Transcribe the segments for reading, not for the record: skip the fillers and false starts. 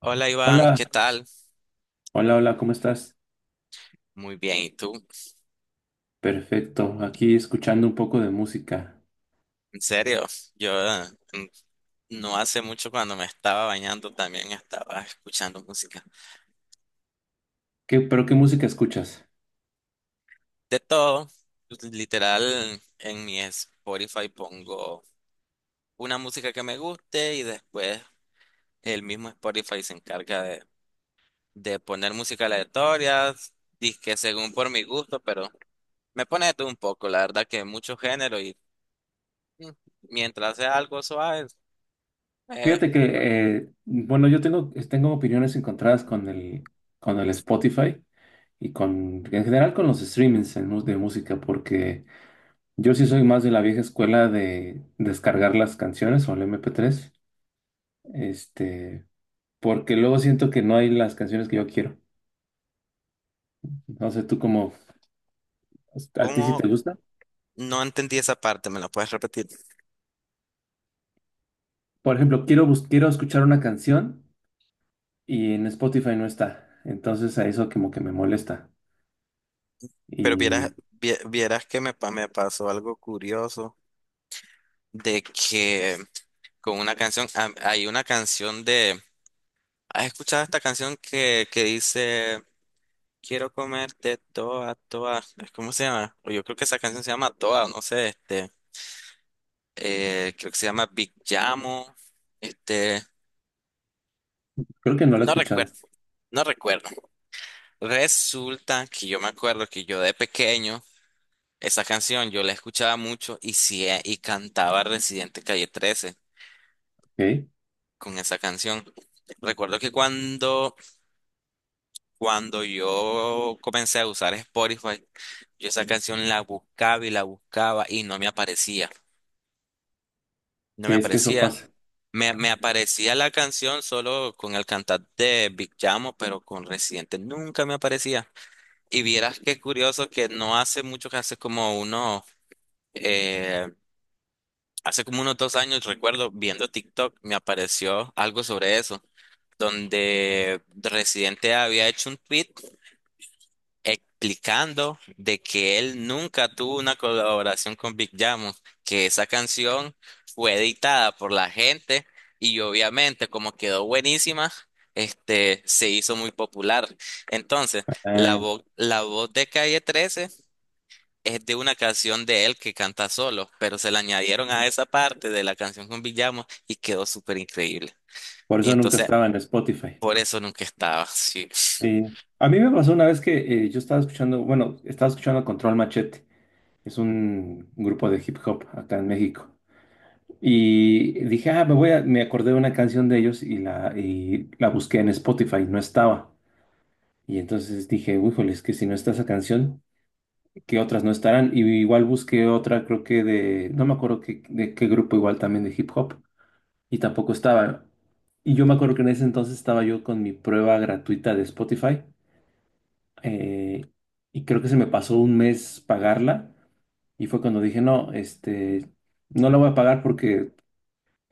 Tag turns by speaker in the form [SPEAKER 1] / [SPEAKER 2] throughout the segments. [SPEAKER 1] Hola Iván,
[SPEAKER 2] Hola,
[SPEAKER 1] ¿qué tal?
[SPEAKER 2] hola, ¿cómo estás?
[SPEAKER 1] Muy bien, ¿y tú?
[SPEAKER 2] Perfecto, aquí escuchando un poco de música.
[SPEAKER 1] En serio, yo no hace mucho cuando me estaba bañando también estaba escuchando música.
[SPEAKER 2] ¿Qué, pero qué música escuchas?
[SPEAKER 1] De todo, literal, en mi Spotify pongo una música que me guste y después el mismo Spotify se encarga de poner música aleatoria, que según por mi gusto, pero me pone de todo un poco, la verdad que mucho género y mm, mientras sea algo suave, eh,
[SPEAKER 2] Fíjate que, bueno, yo tengo, tengo opiniones encontradas con el Spotify y con, en general con los streamings en de música, porque yo sí soy más de la vieja escuela de descargar las canciones o el MP3, este, porque luego siento que no hay las canciones que yo quiero. No sé, ¿a ti sí te
[SPEAKER 1] como
[SPEAKER 2] gusta?
[SPEAKER 1] no entendí esa parte, ¿me la puedes repetir?
[SPEAKER 2] Por ejemplo, quiero escuchar una canción. Y en Spotify no está. Entonces a eso como que me molesta.
[SPEAKER 1] Pero
[SPEAKER 2] Y
[SPEAKER 1] vieras que me pasó algo curioso de que con una canción, ah, hay una canción de, ¿has escuchado esta canción que dice, quiero comerte toda, toda? ¿Cómo se llama? O yo creo que esa canción se llama Toda, no sé, este, creo que se llama Big Llamo, este,
[SPEAKER 2] creo que no lo he
[SPEAKER 1] no
[SPEAKER 2] escuchado.
[SPEAKER 1] recuerdo, no recuerdo. Resulta que yo me acuerdo que yo de pequeño esa canción yo la escuchaba mucho y, sí, y cantaba Residente Calle trece
[SPEAKER 2] ¿Ok?
[SPEAKER 1] con esa canción. Recuerdo que cuando, cuando yo comencé a usar Spotify, yo esa canción la buscaba y no me aparecía. No
[SPEAKER 2] Sí,
[SPEAKER 1] me
[SPEAKER 2] es que eso
[SPEAKER 1] aparecía.
[SPEAKER 2] pasa.
[SPEAKER 1] Me aparecía la canción solo con el cantante de Big Chamo, pero con Residente nunca me aparecía. Y vieras qué curioso que no hace mucho que hace como uno eh, hace como unos dos años, recuerdo, viendo TikTok, me apareció algo sobre eso, donde Residente había hecho un tweet explicando de que él nunca tuvo una colaboración con Big Jamo, que esa canción fue editada por la gente y obviamente como quedó buenísima, este, se hizo muy popular. Entonces,
[SPEAKER 2] Ah,
[SPEAKER 1] la voz de Calle 13 es de una canción de él que canta solo, pero se la añadieron a esa parte de la canción con Villamo y quedó súper increíble.
[SPEAKER 2] por
[SPEAKER 1] Y
[SPEAKER 2] eso nunca
[SPEAKER 1] entonces,
[SPEAKER 2] estaba en Spotify.
[SPEAKER 1] por eso nunca estaba, sí.
[SPEAKER 2] Sí. A mí me pasó una vez que yo estaba escuchando, bueno, estaba escuchando Control Machete. Es un grupo de hip hop acá en México. Y dije, ah, me acordé de una canción de ellos y la busqué en Spotify, no estaba. Y entonces dije, híjole, es que si no está esa canción, que otras no estarán. Y igual busqué otra, creo que de, no me acuerdo que, de qué grupo, igual también de hip hop, y tampoco estaba. Y yo me acuerdo que en ese entonces estaba yo con mi prueba gratuita de Spotify, eh, y creo que se me pasó un mes pagarla, y fue cuando dije, no, no la voy a pagar porque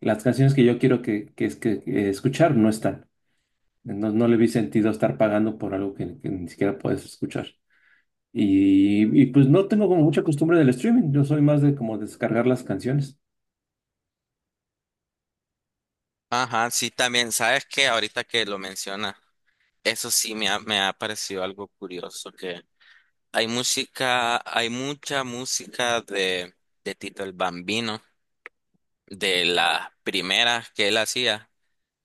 [SPEAKER 2] las canciones que yo quiero es que escuchar no están. No, no le vi sentido estar pagando por algo que ni siquiera puedes escuchar. Pues no tengo como mucha costumbre del streaming, yo soy más de como descargar las canciones.
[SPEAKER 1] Ajá, sí, también, sabes que ahorita que lo menciona, eso sí me ha parecido algo curioso, que hay música, hay mucha música de Tito el Bambino, de las primeras que él hacía,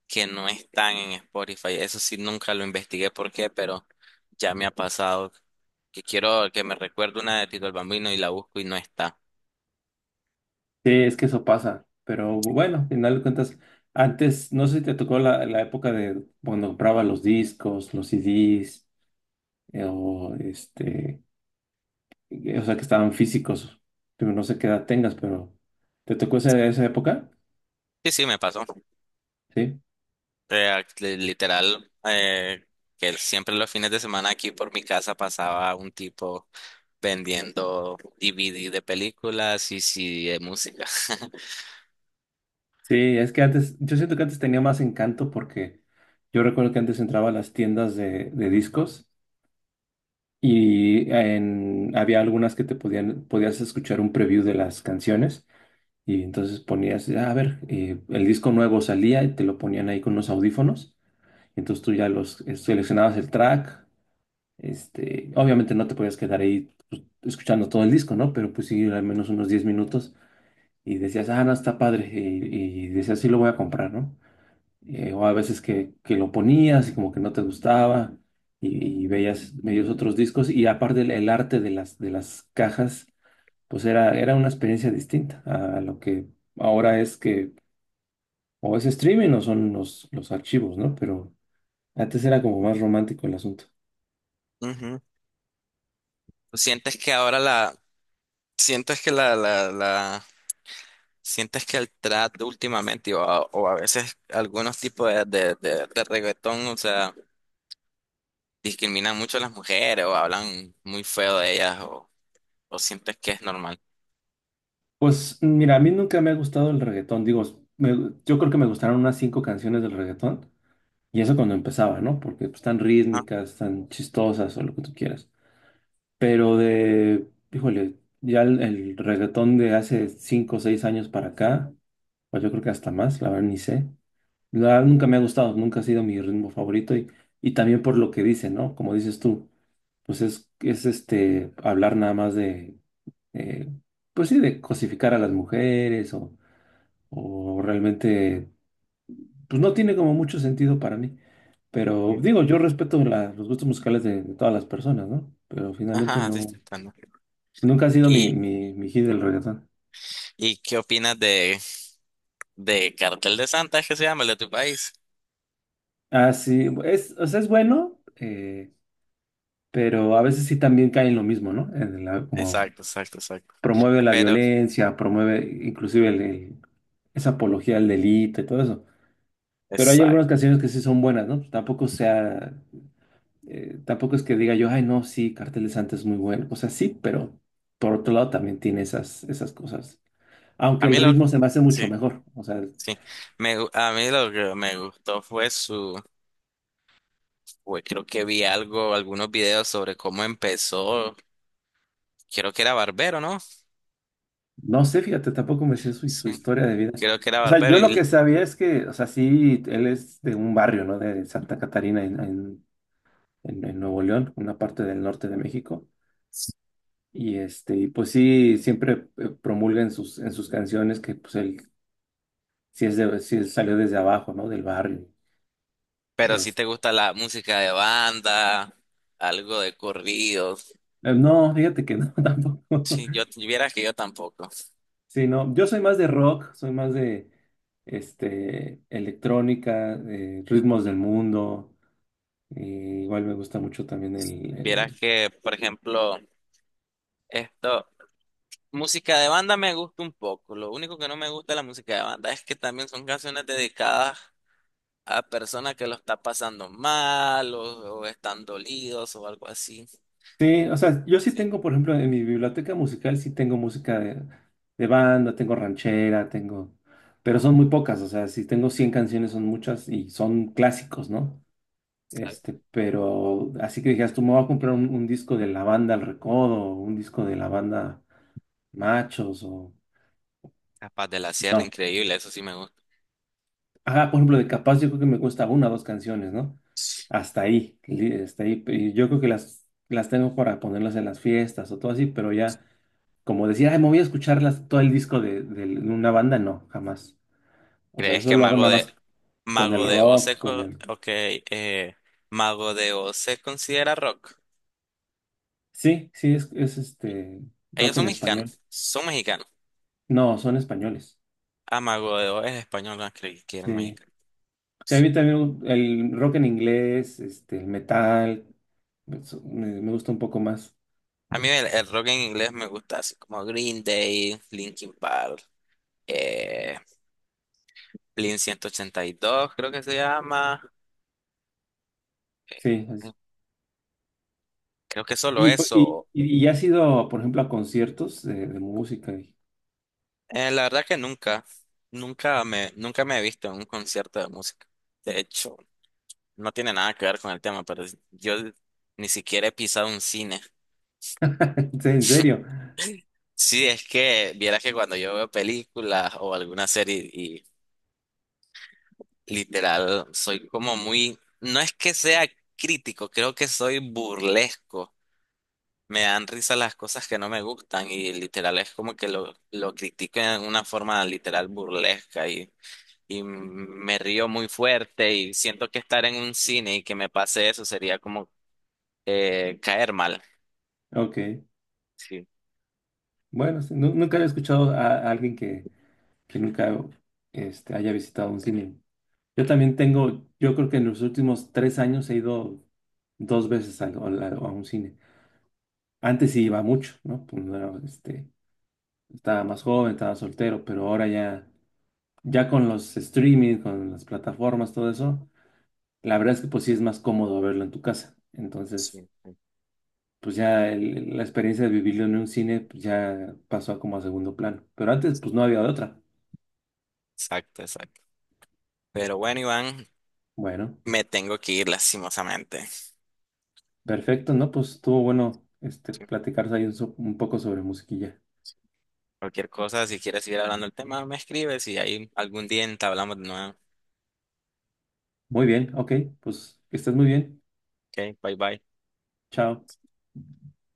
[SPEAKER 1] que no están en Spotify. Eso sí, nunca lo investigué por qué, pero ya me ha pasado que quiero que me recuerde una de Tito el Bambino y la busco y no está.
[SPEAKER 2] Sí, es que eso pasa, pero bueno, al final de cuentas, antes, no sé si te tocó la época de cuando compraba los discos, los CDs, eh, o este, o sea, que estaban físicos, pero no sé qué edad tengas, pero ¿te tocó esa, esa época?
[SPEAKER 1] Sí, sí, me pasó.
[SPEAKER 2] Sí.
[SPEAKER 1] Literal, que siempre los fines de semana aquí por mi casa pasaba un tipo vendiendo DVD de películas y sí de música.
[SPEAKER 2] Sí, es que antes, yo siento que antes tenía más encanto porque yo recuerdo que antes entraba a las tiendas de discos. Había algunas que podías escuchar un preview de las canciones y entonces ponías, "Ah, a ver, el disco nuevo" salía y te lo ponían ahí con unos audífonos. Entonces tú ya los seleccionabas el track. Obviamente no te podías quedar ahí pues, escuchando todo el disco, ¿no? Pero pues sí, al menos unos 10 minutos y decías, ah, no, está padre. Y decías, sí, lo voy a comprar, ¿no? O a veces que lo ponías y como que no te gustaba y veías medios otros discos y aparte el arte de las cajas, pues era una experiencia distinta a lo que ahora es que o es streaming o son los archivos, ¿no? Pero antes era como más romántico el asunto.
[SPEAKER 1] Ujú. ¿Sientes que ahora sientes que la, la, la sientes que el trap últimamente o a veces algunos tipos de reggaetón, o sea, discriminan mucho a las mujeres o hablan muy feo de ellas o sientes que es normal?
[SPEAKER 2] Pues mira, a mí nunca me ha gustado el reggaetón, digo, yo creo que me gustaron unas 5 canciones del reggaetón. Y eso cuando empezaba, ¿no? Porque pues, están
[SPEAKER 1] Ajá,
[SPEAKER 2] rítmicas, tan chistosas o lo que tú quieras. Pero de, híjole, ya el reggaetón de hace 5 o 6 años para acá, pues yo creo que hasta más, la verdad ni sé. La verdad nunca me ha gustado, nunca ha sido mi ritmo favorito y también por lo que dice, ¿no? Como dices tú, pues es este, hablar nada más de, eh, pues sí, de cosificar a las mujeres o realmente, pues no tiene como mucho sentido para mí. Pero
[SPEAKER 1] sí.
[SPEAKER 2] digo, yo respeto los gustos musicales de todas las personas, ¿no? Pero finalmente
[SPEAKER 1] Ajá, sí, está
[SPEAKER 2] no.
[SPEAKER 1] tratando.
[SPEAKER 2] Nunca ha sido mi,
[SPEAKER 1] ¿Y,
[SPEAKER 2] mi, mi hit del reggaetón.
[SPEAKER 1] y qué opinas de Cartel de Santa, es que se llama el de tu país?
[SPEAKER 2] Ah, sí, es, o sea, es bueno, pero a veces sí también cae en lo mismo, ¿no? Como
[SPEAKER 1] Exacto, exacto, exacto.
[SPEAKER 2] promueve la
[SPEAKER 1] Pero,
[SPEAKER 2] violencia, promueve inclusive esa apología al delito y todo eso. Pero hay algunas
[SPEAKER 1] exacto.
[SPEAKER 2] canciones que sí son buenas, ¿no? Pues tampoco sea, tampoco es que diga yo, ay, no, sí, Cartel de Santa es muy bueno. O sea, sí, pero por otro lado también tiene esas, esas cosas. Aunque
[SPEAKER 1] A
[SPEAKER 2] el
[SPEAKER 1] mí lo,
[SPEAKER 2] ritmo se me hace mucho
[SPEAKER 1] sí,
[SPEAKER 2] mejor. O sea,
[SPEAKER 1] sí. A mí lo que me gustó fue su, fue- creo que vi algo, algunos videos sobre cómo empezó. Creo que era barbero, ¿no?
[SPEAKER 2] no sé, fíjate, tampoco me sé su, su
[SPEAKER 1] Sí,
[SPEAKER 2] historia de vida.
[SPEAKER 1] creo que era
[SPEAKER 2] O sea,
[SPEAKER 1] barbero.
[SPEAKER 2] yo lo que
[SPEAKER 1] Y
[SPEAKER 2] sabía es que, o sea, sí, él es de un barrio, ¿no? De Santa Catarina, en Nuevo León, una parte del norte de México. Y este, y pues sí, siempre promulga en sus canciones que pues él sí es de, sí salió desde abajo, ¿no? Del barrio.
[SPEAKER 1] pero si
[SPEAKER 2] Es-
[SPEAKER 1] te gusta la música de banda, algo de corridos.
[SPEAKER 2] no, fíjate que no, tampoco.
[SPEAKER 1] Sí, yo vieras que yo tampoco.
[SPEAKER 2] Sí, no, yo soy más de rock, soy más de electrónica, ritmos del mundo. Igual me gusta mucho también
[SPEAKER 1] Vieras que, por ejemplo, esto, música de banda me gusta un poco. Lo único que no me gusta de la música de banda es que también son canciones dedicadas a personas que lo están pasando mal o están dolidos o algo así.
[SPEAKER 2] sí, o sea, yo sí
[SPEAKER 1] Sí.
[SPEAKER 2] tengo, por ejemplo, en mi biblioteca musical sí tengo música de banda, tengo ranchera, tengo... Pero son muy pocas, o sea, si tengo 100 canciones son muchas y son clásicos, ¿no?
[SPEAKER 1] Claro.
[SPEAKER 2] Este, pero así que dijeras, tú me voy a comprar un disco de la banda El Recodo, o un disco de la banda Machos, o...
[SPEAKER 1] Capaz de la Sierra,
[SPEAKER 2] No,
[SPEAKER 1] increíble, eso sí me gusta.
[SPEAKER 2] ajá, por ejemplo, de Capaz yo creo que me cuesta una o dos canciones, ¿no? Hasta ahí, hasta ahí. Y yo creo que las tengo para ponerlas en las fiestas o todo así, pero ya, como decir, ay, me voy a escucharlas todo el disco de una banda, no, jamás. O sea,
[SPEAKER 1] ¿Crees
[SPEAKER 2] eso
[SPEAKER 1] que
[SPEAKER 2] lo hago nada más con el
[SPEAKER 1] Mago de Oz se
[SPEAKER 2] rock, con
[SPEAKER 1] co-
[SPEAKER 2] el...
[SPEAKER 1] ok, Mago de Oz se considera rock?
[SPEAKER 2] Sí, sí, es este
[SPEAKER 1] Ellos
[SPEAKER 2] rock en
[SPEAKER 1] son
[SPEAKER 2] español.
[SPEAKER 1] mexicanos, son mexicanos.
[SPEAKER 2] No, son españoles.
[SPEAKER 1] Ah, Mago de Oz es español, no creí que eran
[SPEAKER 2] Sí.
[SPEAKER 1] mexicanos.
[SPEAKER 2] Sí, a
[SPEAKER 1] Sí.
[SPEAKER 2] mí también el rock en inglés, el metal, eso me gusta un poco más.
[SPEAKER 1] A mí el rock en inglés me gusta, así como Green Day, Linkin Park, eh, Blink 182 creo que se llama.
[SPEAKER 2] Sí,
[SPEAKER 1] Creo que solo eso.
[SPEAKER 2] Y has ido, por ejemplo, a conciertos de música. Y
[SPEAKER 1] La verdad que nunca, nunca me he visto en un concierto de música. De hecho, no tiene nada que ver con el tema, pero yo ni siquiera he pisado un cine.
[SPEAKER 2] sí, en serio.
[SPEAKER 1] Sí, es que vieras que cuando yo veo películas o alguna serie y literal soy como muy, no es que sea crítico, creo que soy burlesco. Me dan risa las cosas que no me gustan y literal es como que lo critico en una forma literal burlesca y me río muy fuerte y siento que estar en un cine y que me pase eso sería como caer mal.
[SPEAKER 2] Ok.
[SPEAKER 1] Sí,
[SPEAKER 2] Bueno, sí, nunca he escuchado a alguien que nunca haya visitado un cine. Yo también tengo, yo creo que en los últimos 3 años he ido dos veces a, a un cine. Antes sí iba mucho, ¿no? Pues no era, estaba más joven, estaba soltero, pero ahora ya, ya con los streaming, con las plataformas, todo eso, la verdad es que pues sí es más cómodo verlo en tu casa. Entonces...
[SPEAKER 1] sí.
[SPEAKER 2] pues ya la experiencia de vivirlo en un cine pues ya pasó a como a segundo plano. Pero antes, pues no había de otra.
[SPEAKER 1] Exacto, exacto. Pero bueno, Iván,
[SPEAKER 2] Bueno,
[SPEAKER 1] me tengo que ir lastimosamente.
[SPEAKER 2] perfecto, ¿no? Pues estuvo bueno este, platicarse ahí un, un poco sobre musiquilla.
[SPEAKER 1] Cualquier cosa, si quieres seguir hablando del tema, me escribes y ahí algún día entablamos de nuevo.
[SPEAKER 2] Muy bien, ok, pues que estés muy bien.
[SPEAKER 1] Ok, bye bye.
[SPEAKER 2] Chao.